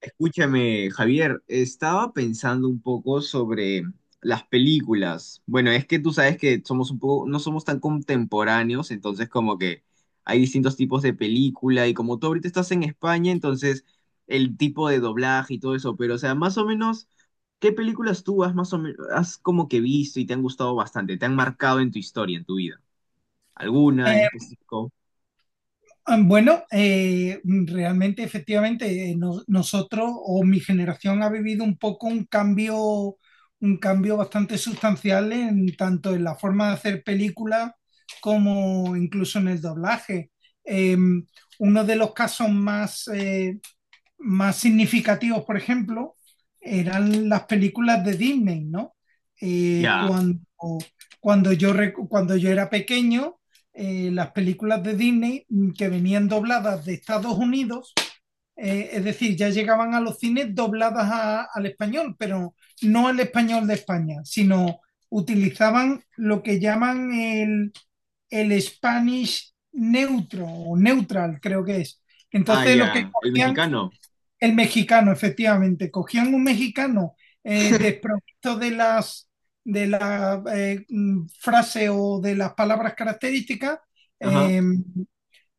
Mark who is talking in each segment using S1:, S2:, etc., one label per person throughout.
S1: Escúchame, Javier, estaba pensando un poco sobre las películas. Bueno, es que tú sabes que somos un poco, no somos tan contemporáneos, entonces como que hay distintos tipos de película y como tú ahorita estás en España, entonces el tipo de doblaje y todo eso, pero o sea, más o menos, ¿qué películas tú has más o menos, has como que visto y te han gustado bastante, te han marcado en tu historia, en tu vida? ¿Alguna en
S2: Eh,
S1: específico?
S2: bueno, realmente, efectivamente, nosotros o mi generación ha vivido un poco un cambio bastante sustancial en tanto en la forma de hacer películas como incluso en el doblaje. Eh, Uno de los casos más, más significativos, por ejemplo, eran las películas de Disney, ¿no? Eh,
S1: Ya.
S2: cuando, cuando, yo, cuando yo era pequeño, las películas de Disney que venían dobladas de Estados Unidos, es decir, ya llegaban a los cines dobladas al español, pero no al español de España, sino utilizaban lo que llaman el Spanish neutro o neutral, creo que es.
S1: Ah,
S2: Entonces lo que
S1: ya. El
S2: cogían
S1: mexicano.
S2: el mexicano, efectivamente. Cogían un mexicano desprovisto de las de la frase o de las palabras características,
S1: Ajá.
S2: eh,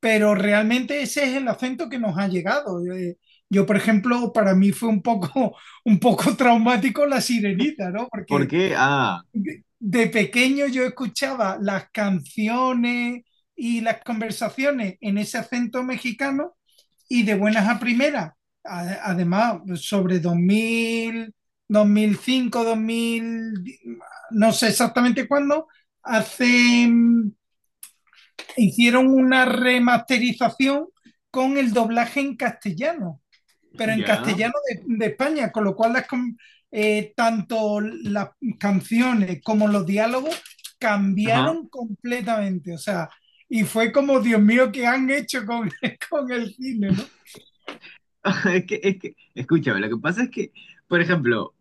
S2: pero realmente ese es el acento que nos ha llegado. Yo, por ejemplo, para mí fue un poco, un poco traumático la sirenita, ¿no?
S1: ¿Por
S2: Porque
S1: qué? Ah,
S2: de pequeño yo escuchaba las canciones y las conversaciones en ese acento mexicano y de buenas a primeras. Además, sobre dos dos mil 2005 dos mil no sé exactamente cuándo, hace hicieron una remasterización con el doblaje en castellano, pero en
S1: ya.
S2: castellano de España, con lo cual tanto las canciones como los diálogos
S1: Ajá.
S2: cambiaron completamente, o sea, y fue como, Dios mío, ¿qué han hecho con, con el cine, no?
S1: Es que, escúchame, lo que pasa es que, por ejemplo,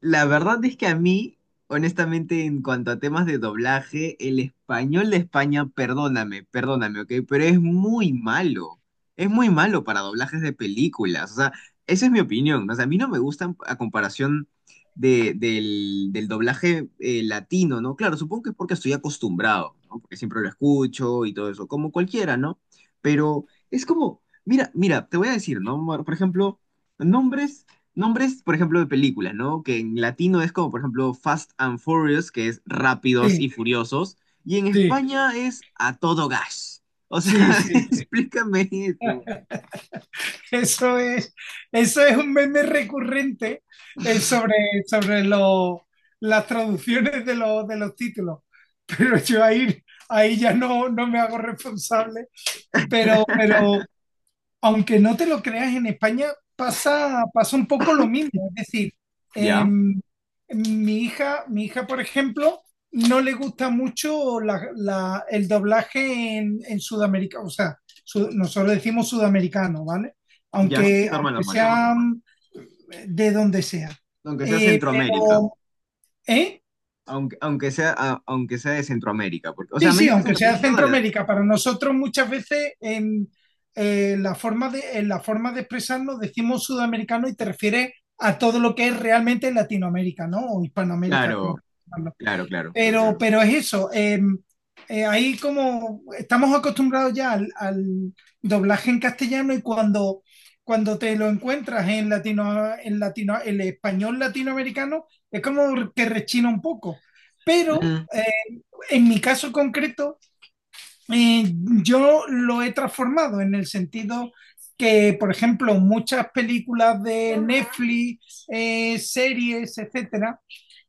S1: la verdad es que a mí, honestamente, en cuanto a temas de doblaje, el español de España, perdóname, ¿ok? Pero es muy malo. Es muy malo para doblajes de películas. O sea, esa es mi opinión, ¿no? O sea, a mí no me gustan a comparación del doblaje latino, ¿no? Claro, supongo que es porque estoy acostumbrado, ¿no? Porque siempre lo escucho y todo eso, como cualquiera, ¿no? Pero es como, mira, mira, te voy a decir, ¿no? Por ejemplo, nombres nombres, por ejemplo, de películas, ¿no? Que en latino es como, por ejemplo, Fast and Furious, que es Rápidos y
S2: Sí,
S1: Furiosos, y en
S2: sí.
S1: España es A todo gas. O sea,
S2: Sí, sí, sí.
S1: explícame eso.
S2: Eso es, eso es un meme recurrente eh, sobre, sobre las traducciones los de los títulos. Pero yo ahí, ahí ya no, no me hago responsable. Pero aunque no te lo creas, en España pasa un poco lo mismo. Es decir,
S1: Ya,
S2: em, mi hija, por ejemplo, no le gusta mucho el doblaje en Sudamérica. O sea, nosotros decimos sudamericano, ¿vale?
S1: ya, sí, sí,
S2: Aunque,
S1: normal,
S2: aunque
S1: normal.
S2: sean de donde sea.
S1: Aunque sea Centroamérica,
S2: Pero, ¿eh?
S1: aunque sea, aunque sea de Centroamérica, porque, o
S2: Sí,
S1: sea,
S2: sí,
S1: México es
S2: aunque
S1: Centroamérica,
S2: sea
S1: pero dale, dale.
S2: Centroamérica, para nosotros muchas veces en la forma de expresarnos decimos sudamericano y te refieres a todo lo que es realmente Latinoamérica, ¿no? O Hispanoamérica,
S1: Claro,
S2: como
S1: claro, claro.
S2: pero es eso. Ahí como estamos acostumbrados ya al doblaje en castellano y cuando te lo encuentras en latino, el español latinoamericano, es como que rechina un poco. Pero
S1: Mm,
S2: en mi caso concreto, eh, yo lo he transformado en el sentido que, por ejemplo, muchas películas de Netflix, series, etcétera,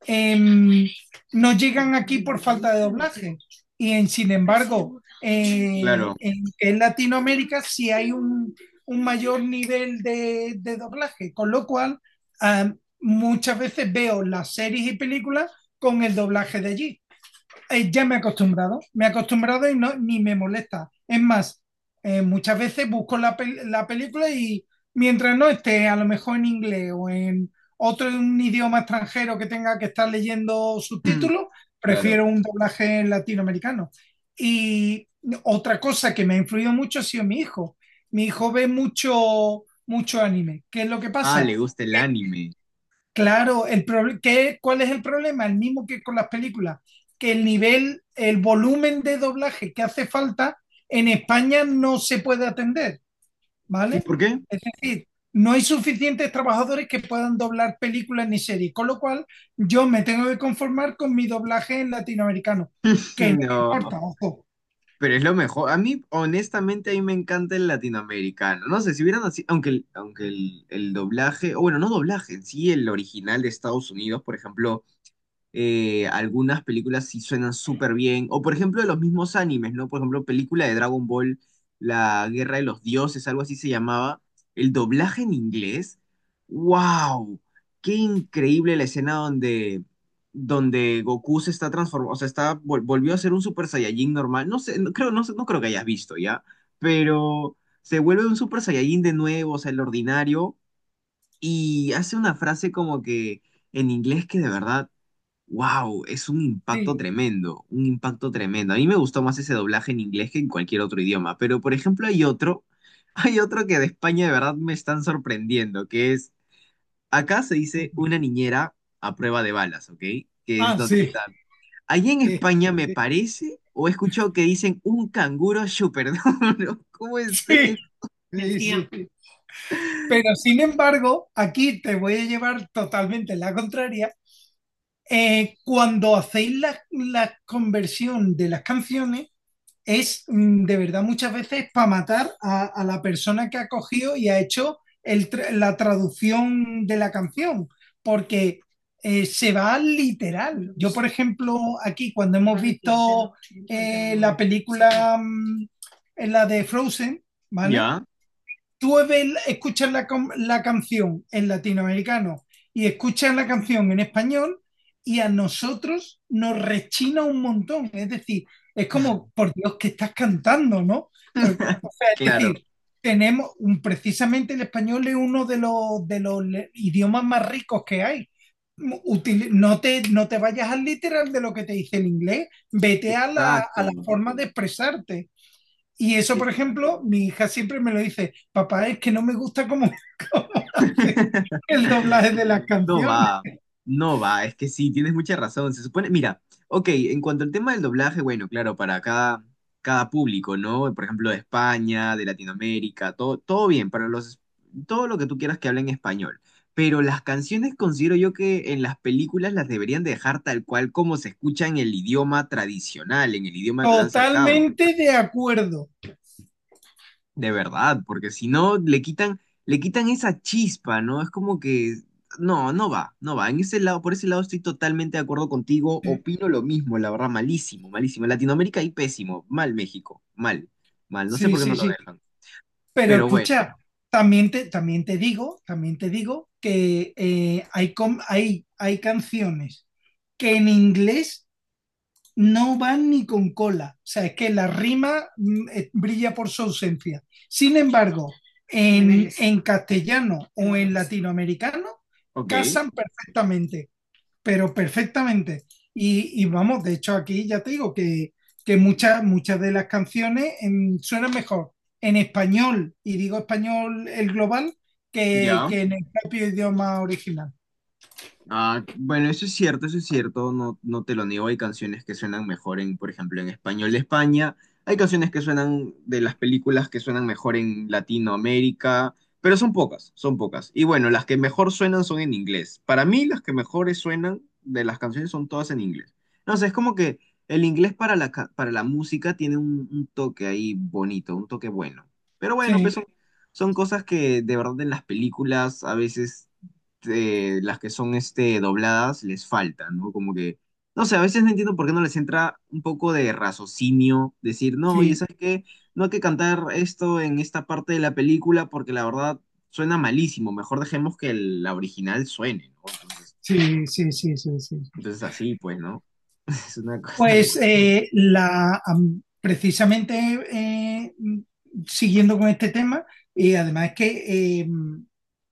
S2: eh, no llegan aquí por falta de doblaje. Y sin embargo,
S1: claro,
S2: en Latinoamérica sí hay un mayor nivel de doblaje, con lo cual muchas veces veo las series y películas con el doblaje de allí ya me he acostumbrado y no, ni me molesta. Es más, muchas veces busco la película y mientras no esté a lo mejor en inglés o en otro un idioma extranjero que tenga que estar leyendo
S1: mm,
S2: subtítulos,
S1: claro.
S2: prefiero un doblaje latinoamericano. Y otra cosa que me ha influido mucho ha sido mi hijo. Mi hijo ve mucho, mucho anime. ¿Qué es lo que
S1: Ah,
S2: pasa?
S1: le gusta el anime.
S2: Claro, ¿cuál es el problema? El mismo que con las películas, que el nivel, el volumen de doblaje que hace falta en España no se puede atender,
S1: ¿Y
S2: ¿vale?
S1: por qué?
S2: Es decir, no hay suficientes trabajadores que puedan doblar películas ni series, con lo cual yo me tengo que conformar con mi doblaje en latinoamericano, que no me
S1: No.
S2: importa, ojo.
S1: Pero es lo mejor. A mí, honestamente, a mí me encanta el latinoamericano. No sé, si hubieran así, aunque, el doblaje, o bueno, no doblaje, en sí, el original de Estados Unidos, por ejemplo, algunas películas sí suenan súper bien. O por ejemplo, de los mismos animes, ¿no? Por ejemplo, película de Dragon Ball, La Guerra de los Dioses, algo así se llamaba. El doblaje en inglés. ¡Wow! ¡Qué increíble la escena donde, donde Goku se está transformando! O sea, está, volvió a ser un Super Saiyajin normal. No sé, no creo que hayas visto ya, pero se vuelve un Super Saiyajin de nuevo, o sea, el ordinario. Y hace una frase como que en inglés que de verdad wow, es un impacto
S2: Sí.
S1: tremendo, un impacto tremendo. A mí me gustó más ese doblaje en inglés que en cualquier otro idioma, pero por ejemplo hay otro, hay otro que de España de verdad me están sorprendiendo, que es, acá se dice una niñera a prueba de balas, ¿ok? Que es
S2: Ah,
S1: donde está.
S2: sí.
S1: Allí en
S2: Eh,
S1: España me
S2: eh,
S1: parece, o he escuchado que dicen un canguro súper duro. ¿Cómo es
S2: Sí,
S1: eso?
S2: sí, sí. Pero sin embargo, aquí te voy a llevar totalmente la contraria cuando hacéis la conversión de las canciones, es de verdad muchas veces para matar a la persona que ha cogido y ha hecho la traducción de la canción, porque se va al literal. Yo, por ejemplo, aquí cuando hemos visto eh, la película, mm, la de Frozen, ¿vale?
S1: Ya,
S2: Escuchas la canción en latinoamericano y escuchas la canción en español y a nosotros nos rechina un montón. Es decir, es como, por Dios, que estás cantando, ¿no? O sea, es
S1: claro,
S2: decir, precisamente el español es uno de idiomas más ricos que hay. No te vayas al literal de lo que te dice el inglés, vete a
S1: exacto,
S2: a la forma de expresarte. Y eso, por ejemplo,
S1: exacto.
S2: mi hija siempre me lo dice, papá, es que no me gusta cómo hace el doblaje de las
S1: No
S2: canciones.
S1: va, no va, es que sí, tienes mucha razón. Se supone, mira, ok, en cuanto al tema del doblaje, bueno, claro, para cada, cada público, ¿no? Por ejemplo, de España, de Latinoamérica, todo, todo bien, para los, todo lo que tú quieras que hablen español. Pero las canciones considero yo que en las películas las deberían dejar tal cual como se escucha en el idioma tradicional, en el idioma que lo han sacado.
S2: Totalmente de acuerdo.
S1: De verdad, porque si no le quitan, le quitan esa chispa, ¿no? Es como que no, no va, no va. En ese lado, por ese lado estoy totalmente de acuerdo contigo. Opino lo mismo, la verdad, malísimo, malísimo. Latinoamérica y pésimo, mal México, mal, mal. No sé
S2: Sí,
S1: por qué no
S2: sí,
S1: lo
S2: sí.
S1: dejan.
S2: Pero
S1: Pero bueno,
S2: escucha, también te digo que hay canciones que en inglés no van ni con cola. O sea, es que la rima brilla por su ausencia. Sin embargo, en castellano o en latinoamericano,
S1: ok,
S2: casan perfectamente, pero perfectamente. Y vamos, de hecho, aquí ya te digo que muchas, muchas de las canciones suenan mejor en español, y digo español el global,
S1: ya.
S2: que en el propio idioma original.
S1: Ah, bueno, eso es cierto, no, no te lo niego, hay canciones que suenan mejor en, por ejemplo, en español de España, hay canciones que suenan de las películas que suenan mejor en Latinoamérica, pero son pocas, son pocas. Y bueno, las que mejor suenan son en inglés. Para mí, las que mejores suenan de las canciones son todas en inglés. No sé, es como que el inglés para la, para la música tiene un toque ahí bonito, un toque bueno. Pero bueno,
S2: Sí,
S1: pues son, son cosas que de verdad en las películas a veces las que son este, dobladas les faltan, ¿no? Como que, no sé, a veces no entiendo por qué no les entra un poco de raciocinio, decir, no, oye,
S2: sí,
S1: ¿sabes qué? No hay que cantar esto en esta parte de la película porque la verdad suena malísimo, mejor dejemos que la original suene, ¿no? Entonces,
S2: sí, sí, sí, sí, sí.
S1: entonces así, pues, ¿no? Es una cosa que,
S2: Pues precisamente eh, siguiendo con este tema, y además es que eh,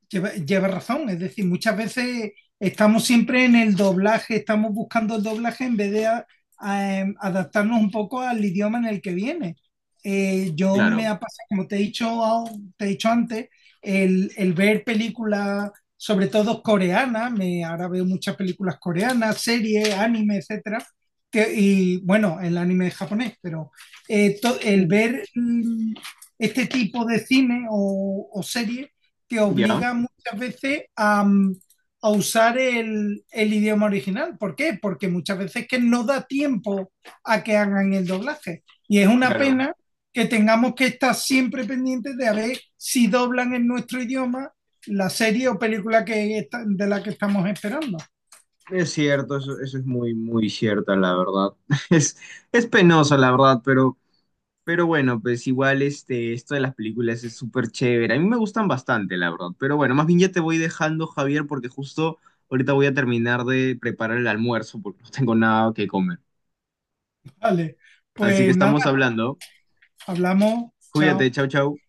S2: lleva, lleva razón, es decir, muchas veces estamos siempre en el doblaje, estamos buscando el doblaje en vez de adaptarnos un poco al idioma en el que viene. Yo me
S1: claro,
S2: ha pasado, como te he dicho, te he dicho antes, el ver películas, sobre todo coreanas, me, ahora veo muchas películas coreanas, series, anime, etcétera, y bueno, el anime es japonés, pero eh, to- el
S1: mm,
S2: ver mm, este tipo de cine o serie te
S1: ya,
S2: obliga muchas veces a, a usar el idioma original. ¿Por qué? Porque muchas veces es que no da tiempo a que hagan el doblaje. Y es una
S1: claro.
S2: pena que tengamos que estar siempre pendientes de a ver si doblan en nuestro idioma la serie o película de la que estamos esperando.
S1: Es cierto, eso es muy, muy cierta, la verdad. Es, es penoso, la verdad, pero... Pero bueno, pues igual este, esto de las películas es súper chévere. A mí me gustan bastante, la verdad. Pero bueno, más bien ya te voy dejando, Javier, porque justo ahorita voy a terminar de preparar el almuerzo porque no tengo nada que comer.
S2: Vale,
S1: Así que
S2: pues
S1: estamos
S2: nada,
S1: hablando.
S2: hablamos,
S1: Cuídate,
S2: chao.
S1: chau, chau.